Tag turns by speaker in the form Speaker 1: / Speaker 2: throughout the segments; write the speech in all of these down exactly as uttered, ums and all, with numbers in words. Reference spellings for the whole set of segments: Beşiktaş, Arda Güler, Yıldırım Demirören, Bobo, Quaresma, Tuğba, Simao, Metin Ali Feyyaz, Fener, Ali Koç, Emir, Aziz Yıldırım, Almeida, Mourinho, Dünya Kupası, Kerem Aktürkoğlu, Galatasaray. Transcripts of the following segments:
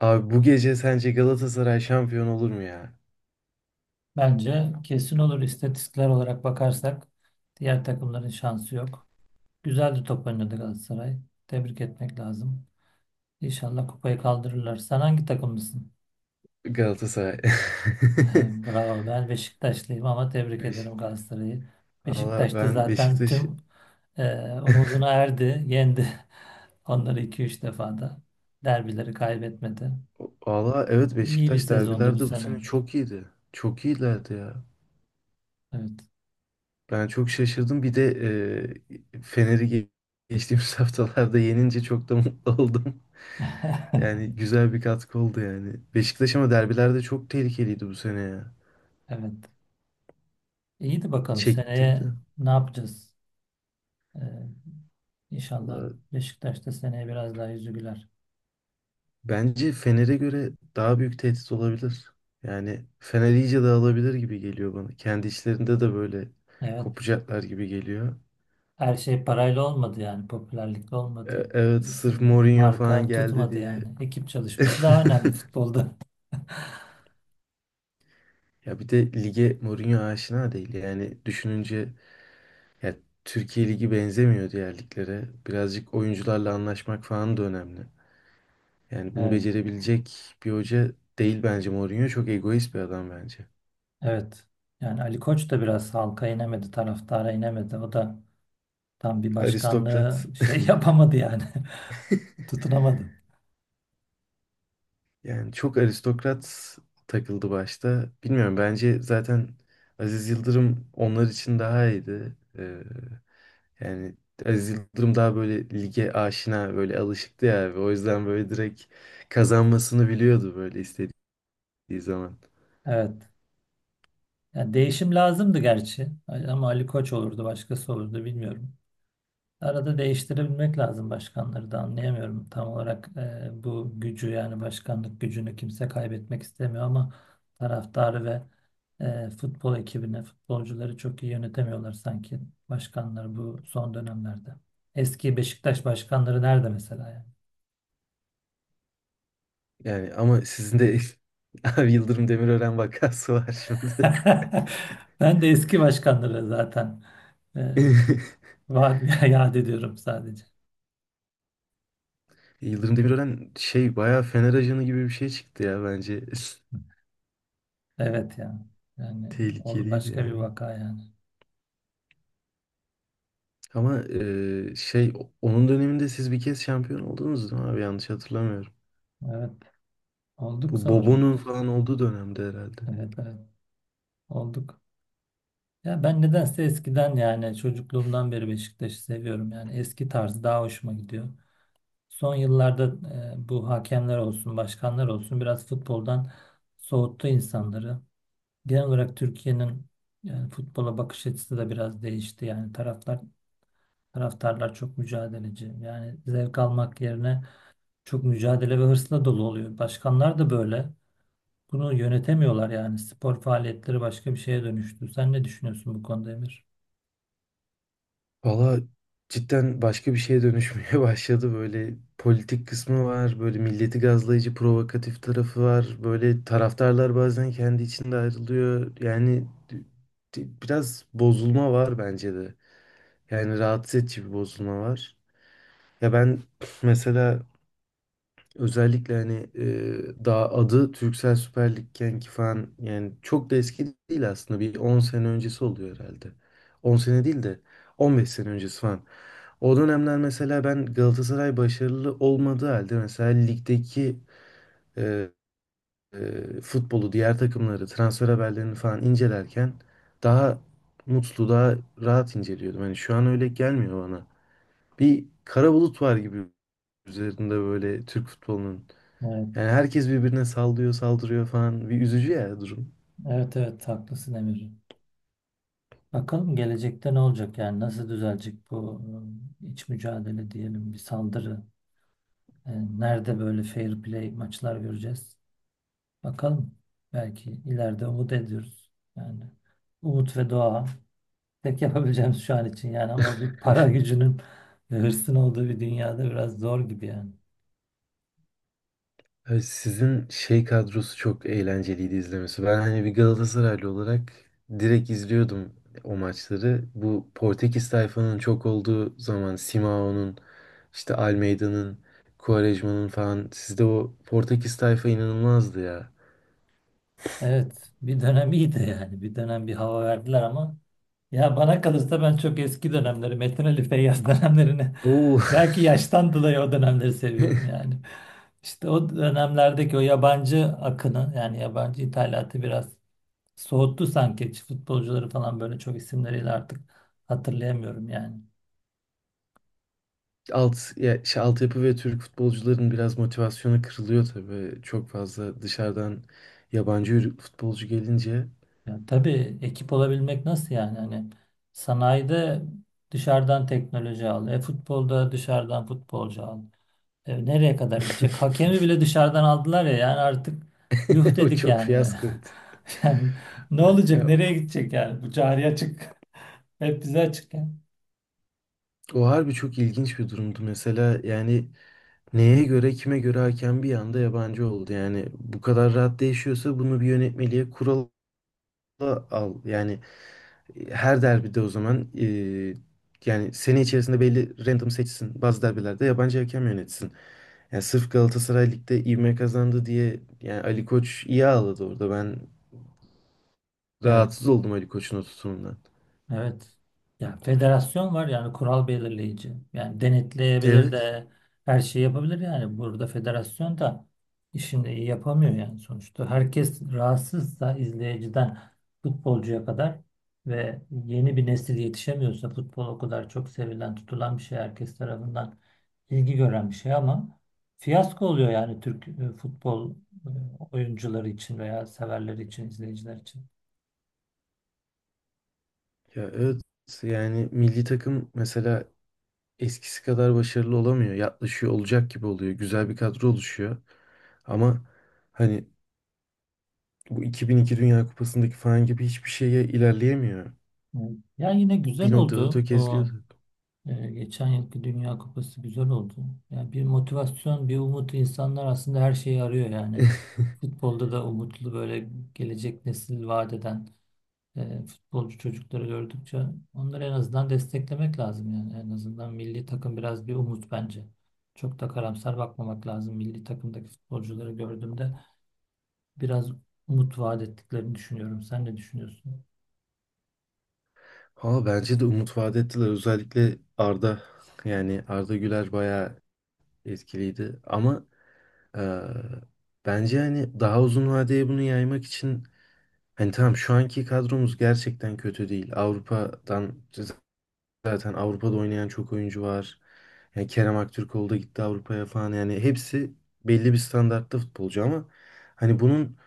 Speaker 1: Abi bu gece sence Galatasaray şampiyon olur mu ya?
Speaker 2: Bence kesin olur. İstatistikler olarak bakarsak diğer takımların şansı yok. Güzel de top oynadı Galatasaray. Tebrik etmek lazım. İnşallah kupayı kaldırırlar. Sen hangi takımlısın?
Speaker 1: Galatasaray.
Speaker 2: He, bravo. Ben Beşiktaşlıyım ama tebrik ederim
Speaker 1: Beşiktaş.
Speaker 2: Galatasaray'ı.
Speaker 1: Valla
Speaker 2: Beşiktaş da
Speaker 1: ben
Speaker 2: zaten
Speaker 1: Beşiktaş...
Speaker 2: tüm e, umuduna erdi, yendi. Onları iki üç defa da derbileri kaybetmedi.
Speaker 1: Valla evet,
Speaker 2: İyi bir
Speaker 1: Beşiktaş
Speaker 2: sezondu bu
Speaker 1: derbilerde bu
Speaker 2: sene.
Speaker 1: sene çok iyiydi. Çok iyilerdi ya.
Speaker 2: Evet.
Speaker 1: Ben çok şaşırdım. Bir de e, Fener'i ge- geçtiğimiz haftalarda yenince çok da mutlu oldum. Yani güzel bir katkı oldu yani. Beşiktaş ama derbilerde çok tehlikeliydi bu sene ya.
Speaker 2: Evet. İyi de bakalım seneye
Speaker 1: Çektirdi.
Speaker 2: ne yapacağız? Ee, İnşallah
Speaker 1: Valla,
Speaker 2: Beşiktaş'ta seneye biraz daha yüzü güler.
Speaker 1: bence Fener'e göre daha büyük tehdit olabilir. Yani Fener iyice dağılabilir gibi geliyor bana. Kendi içlerinde de böyle
Speaker 2: Evet.
Speaker 1: kopacaklar gibi geliyor.
Speaker 2: Her şey parayla olmadı yani. Popülerlikle
Speaker 1: E-
Speaker 2: olmadı.
Speaker 1: Evet, sırf
Speaker 2: İsim,
Speaker 1: Mourinho falan
Speaker 2: marka
Speaker 1: geldi
Speaker 2: tutmadı
Speaker 1: diye.
Speaker 2: yani. Ekip çalışması daha önemli futbolda.
Speaker 1: Ya bir de lige Mourinho aşina değil. Yani düşününce ya, Türkiye Ligi benzemiyor diğer liglere. Birazcık oyuncularla anlaşmak falan da önemli. Yani bunu
Speaker 2: Evet.
Speaker 1: becerebilecek bir hoca değil bence Mourinho. Çok egoist bir adam bence.
Speaker 2: Evet. Yani Ali Koç da biraz halka inemedi, taraftara inemedi. O da tam bir başkanlığı
Speaker 1: Aristokrat.
Speaker 2: şey yapamadı yani. Tutunamadı.
Speaker 1: Yani çok aristokrat takıldı başta. Bilmiyorum, bence zaten Aziz Yıldırım onlar için daha iyiydi. Ee, yani Aziz Yıldırım daha böyle lige aşina, böyle alışıktı ya abi. O yüzden böyle direkt kazanmasını biliyordu, böyle istediği zaman.
Speaker 2: Evet. Yani değişim lazımdı gerçi. Ama Ali Koç olurdu, başkası olurdu bilmiyorum. Arada değiştirebilmek lazım başkanları da anlayamıyorum. Tam olarak e, bu gücü yani başkanlık gücünü kimse kaybetmek istemiyor ama taraftarı ve e, futbol ekibini, futbolcuları çok iyi yönetemiyorlar sanki başkanları bu son dönemlerde. Eski Beşiktaş başkanları nerede mesela yani?
Speaker 1: Yani ama sizin de abi Yıldırım Demirören vakası var şimdi.
Speaker 2: Ben de eski başkanları zaten e, var ya, yad ediyorum sadece.
Speaker 1: Yıldırım Demirören şey, bayağı Fener ajanı gibi bir şey çıktı ya bence.
Speaker 2: Evet yani. Yani ol-
Speaker 1: Tehlikeliydi
Speaker 2: başka bir
Speaker 1: yani.
Speaker 2: vaka yani.
Speaker 1: Ama e, şey, onun döneminde siz bir kez şampiyon oldunuz değil mi abi? Yanlış hatırlamıyorum.
Speaker 2: Evet, olduk
Speaker 1: Bu
Speaker 2: sanırım.
Speaker 1: Bobo'nun falan olduğu dönemde herhalde.
Speaker 2: Evet, evet. Olduk. Ya ben nedense eskiden yani çocukluğumdan beri Beşiktaş'ı seviyorum. Yani eski tarzı daha hoşuma gidiyor. Son yıllarda e, bu hakemler olsun, başkanlar olsun biraz futboldan soğuttu insanları. Genel olarak Türkiye'nin yani futbola bakış açısı da biraz değişti. Yani taraftar taraftarlar çok mücadeleci. Yani zevk almak yerine çok mücadele ve hırsla dolu oluyor. Başkanlar da böyle. Bunu yönetemiyorlar yani. Spor faaliyetleri başka bir şeye dönüştü. Sen ne düşünüyorsun bu konuda Emir?
Speaker 1: Valla cidden başka bir şeye dönüşmeye başladı. Böyle politik kısmı var. Böyle milleti gazlayıcı, provokatif tarafı var. Böyle taraftarlar bazen kendi içinde ayrılıyor. Yani d- biraz bozulma var bence de. Yani rahatsız edici bir bozulma var. Ya ben mesela özellikle hani e, daha adı Türksel Süper Lig'ken ki falan, yani çok da eski değil aslında, bir on sene öncesi oluyor herhalde. On sene değil de on beş sene öncesi falan. O dönemler mesela ben, Galatasaray başarılı olmadığı halde mesela, ligdeki e, e, futbolu, diğer takımları, transfer haberlerini falan incelerken daha mutlu, daha rahat inceliyordum. Hani şu an öyle gelmiyor bana. Bir kara bulut var gibi üzerinde, böyle Türk futbolunun.
Speaker 2: Evet.
Speaker 1: Yani herkes birbirine sallıyor, saldırıyor falan. Bir üzücü ya durum.
Speaker 2: Evet, evet, haklısın Emir. Bakalım gelecekte ne olacak yani nasıl düzelecek bu e, iç mücadele diyelim bir saldırı. E, Nerede böyle fair play maçlar göreceğiz? Bakalım. Belki ileride umut ediyoruz. Yani umut ve dua tek yapabileceğimiz şu an için yani, ama bir para gücünün ve hırsın olduğu bir dünyada biraz zor gibi yani.
Speaker 1: Abi sizin şey kadrosu çok eğlenceliydi izlemesi. Ben hani bir Galatasaraylı olarak direkt izliyordum o maçları. Bu Portekiz tayfanın çok olduğu zaman, Simao'nun, işte Almeida'nın, Quaresma'nın falan, sizde o Portekiz tayfa inanılmazdı ya.
Speaker 2: Evet, bir dönem iyiydi yani, bir dönem bir hava verdiler ama ya bana kalırsa ben çok eski dönemleri, Metin Ali Feyyaz dönemlerini
Speaker 1: Oo.
Speaker 2: belki yaştan dolayı o dönemleri seviyorum yani. İşte o dönemlerdeki o yabancı akını yani yabancı ithalatı biraz soğuttu sanki. Futbolcuları falan böyle çok isimleriyle artık hatırlayamıyorum yani.
Speaker 1: Alt, ya, şey, altyapı ve Türk futbolcuların biraz motivasyonu kırılıyor tabii. Çok fazla dışarıdan yabancı futbolcu gelince.
Speaker 2: Ya tabii ekip olabilmek nasıl yani? Hani sanayide dışarıdan teknoloji al, e futbolda dışarıdan futbolcu al. E, nereye kadar gidecek? Hakemi bile dışarıdan aldılar ya, yani artık yuh
Speaker 1: O
Speaker 2: dedik
Speaker 1: çok
Speaker 2: yani.
Speaker 1: fiyaskoydu.
Speaker 2: Yani ne olacak?
Speaker 1: Ya,
Speaker 2: Nereye gidecek yani? Bu cari açık. Hep bize açık yani.
Speaker 1: o harbi çok ilginç bir durumdu. Mesela yani neye göre, kime göre hakem bir anda yabancı oldu. Yani bu kadar rahat değişiyorsa bunu bir yönetmeliğe, kurala al. Yani e, her derbide, o zaman e, yani sene içerisinde belli, random seçsin. Bazı derbilerde yabancı hakem yönetsin. Yani sırf Galatasaray Lig'de ivme kazandı diye, yani Ali Koç iyi ağladı orada. Ben
Speaker 2: Evet.
Speaker 1: rahatsız oldum Ali Koç'un o tutumundan.
Speaker 2: Evet. Ya federasyon var yani kural belirleyici. Yani denetleyebilir
Speaker 1: Evet.
Speaker 2: de her şeyi yapabilir yani. Burada federasyon da işini iyi yapamıyor yani sonuçta. Herkes rahatsızsa izleyiciden futbolcuya kadar ve yeni bir nesil yetişemiyorsa, futbol o kadar çok sevilen, tutulan bir şey, herkes tarafından ilgi gören bir şey ama fiyasko oluyor yani Türk e, futbol e, oyuncuları için veya severleri için, izleyiciler için.
Speaker 1: Ya evet, yani milli takım mesela eskisi kadar başarılı olamıyor. Yaklaşıyor, olacak gibi oluyor. Güzel bir kadro oluşuyor. Ama hani bu iki bin iki Dünya Kupası'ndaki falan gibi hiçbir şeye ilerleyemiyor.
Speaker 2: Evet. Ya yine güzel
Speaker 1: Bir noktada
Speaker 2: oldu. O
Speaker 1: tökezliyordu.
Speaker 2: Ee, geçen yılki Dünya Kupası güzel oldu. Yani bir motivasyon, bir umut, insanlar aslında her şeyi arıyor yani. Futbolda da umutlu böyle gelecek nesil vaat eden e, futbolcu çocukları gördükçe onları en azından desteklemek lazım yani. En azından milli takım biraz bir umut bence. Çok da karamsar bakmamak lazım. Milli takımdaki futbolcuları gördüğümde biraz umut vaat ettiklerini düşünüyorum. Sen ne düşünüyorsun?
Speaker 1: Ha bence de umut vaat ettiler. Özellikle Arda, yani Arda Güler bayağı etkiliydi. Ama eee, bence hani daha uzun vadeye bunu yaymak için, hani tamam şu anki kadromuz gerçekten kötü değil. Avrupa'dan Zaten Avrupa'da oynayan çok oyuncu var. Yani Kerem Aktürkoğlu da gitti Avrupa'ya falan. Yani hepsi belli bir standartta futbolcu ama hani bunun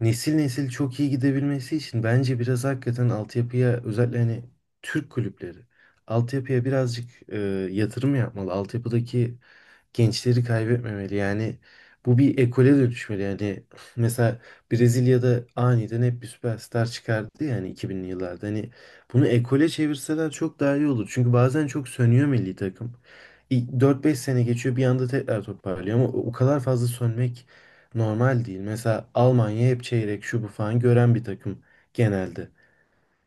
Speaker 1: nesil nesil çok iyi gidebilmesi için bence biraz hakikaten altyapıya, özellikle hani Türk kulüpleri altyapıya birazcık e, yatırım yapmalı. Altyapıdaki gençleri kaybetmemeli. Yani bu bir ekole dönüşmeli. Yani mesela Brezilya'da aniden hep bir süperstar çıkardı yani iki binli yıllarda. Hani bunu ekole çevirseler çok daha iyi olur. Çünkü bazen çok sönüyor milli takım. İ- dört beş sene geçiyor, bir anda tekrar toparlıyor, ama o o kadar fazla sönmek normal değil. Mesela Almanya hep çeyrek, şu bu falan gören bir takım genelde.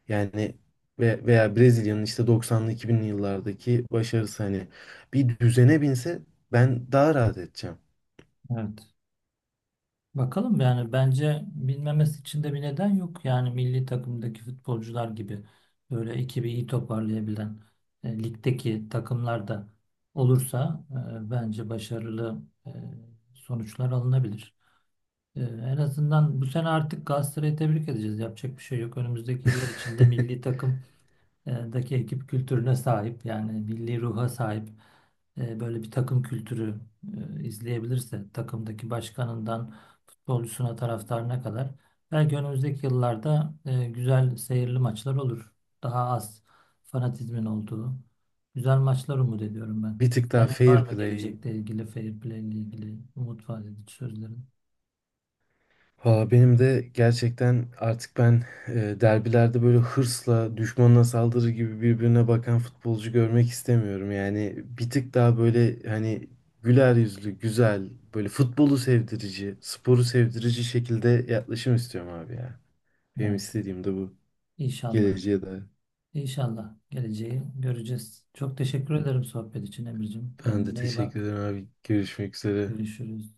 Speaker 1: Yani ve veya Brezilya'nın işte doksanlı, iki binli yıllardaki başarısı hani bir düzene binse ben daha rahat edeceğim.
Speaker 2: Evet. Bakalım yani, bence bilmemesi için de bir neden yok. Yani milli takımdaki futbolcular gibi böyle ekibi iyi toparlayabilen e, ligdeki takımlar da olursa e, bence başarılı e, sonuçlar alınabilir. E, en azından bu sene artık Galatasaray'ı tebrik edeceğiz. Yapacak bir şey yok. Önümüzdeki yıllar içinde milli takım e, daki ekip kültürüne sahip yani milli ruha sahip e, böyle bir takım kültürü e, izleyebilirse, takımdaki başkanından futbolcusuna, taraftarına kadar, belki önümüzdeki yıllarda e, güzel seyirli maçlar olur. Daha az fanatizmin olduğu güzel maçlar umut ediyorum ben.
Speaker 1: Bir tık daha
Speaker 2: Senin var
Speaker 1: fair
Speaker 2: mı
Speaker 1: play.
Speaker 2: gelecekle ilgili, fair play ile ilgili umut vaat edici sözlerin?
Speaker 1: Valla benim de gerçekten, artık ben e, derbilerde böyle hırsla düşmanına saldırı gibi birbirine bakan futbolcu görmek istemiyorum. Yani bir tık daha böyle hani güler yüzlü, güzel, böyle futbolu sevdirici, sporu sevdirici şekilde yaklaşım istiyorum abi ya. Benim
Speaker 2: Evet.
Speaker 1: istediğim de bu.
Speaker 2: İnşallah.
Speaker 1: Geleceğe de.
Speaker 2: İnşallah geleceği göreceğiz. Çok teşekkür ederim sohbet için Emir'cim.
Speaker 1: Ben de
Speaker 2: Kendine iyi
Speaker 1: teşekkür
Speaker 2: bak.
Speaker 1: ederim abi. Görüşmek üzere.
Speaker 2: Görüşürüz.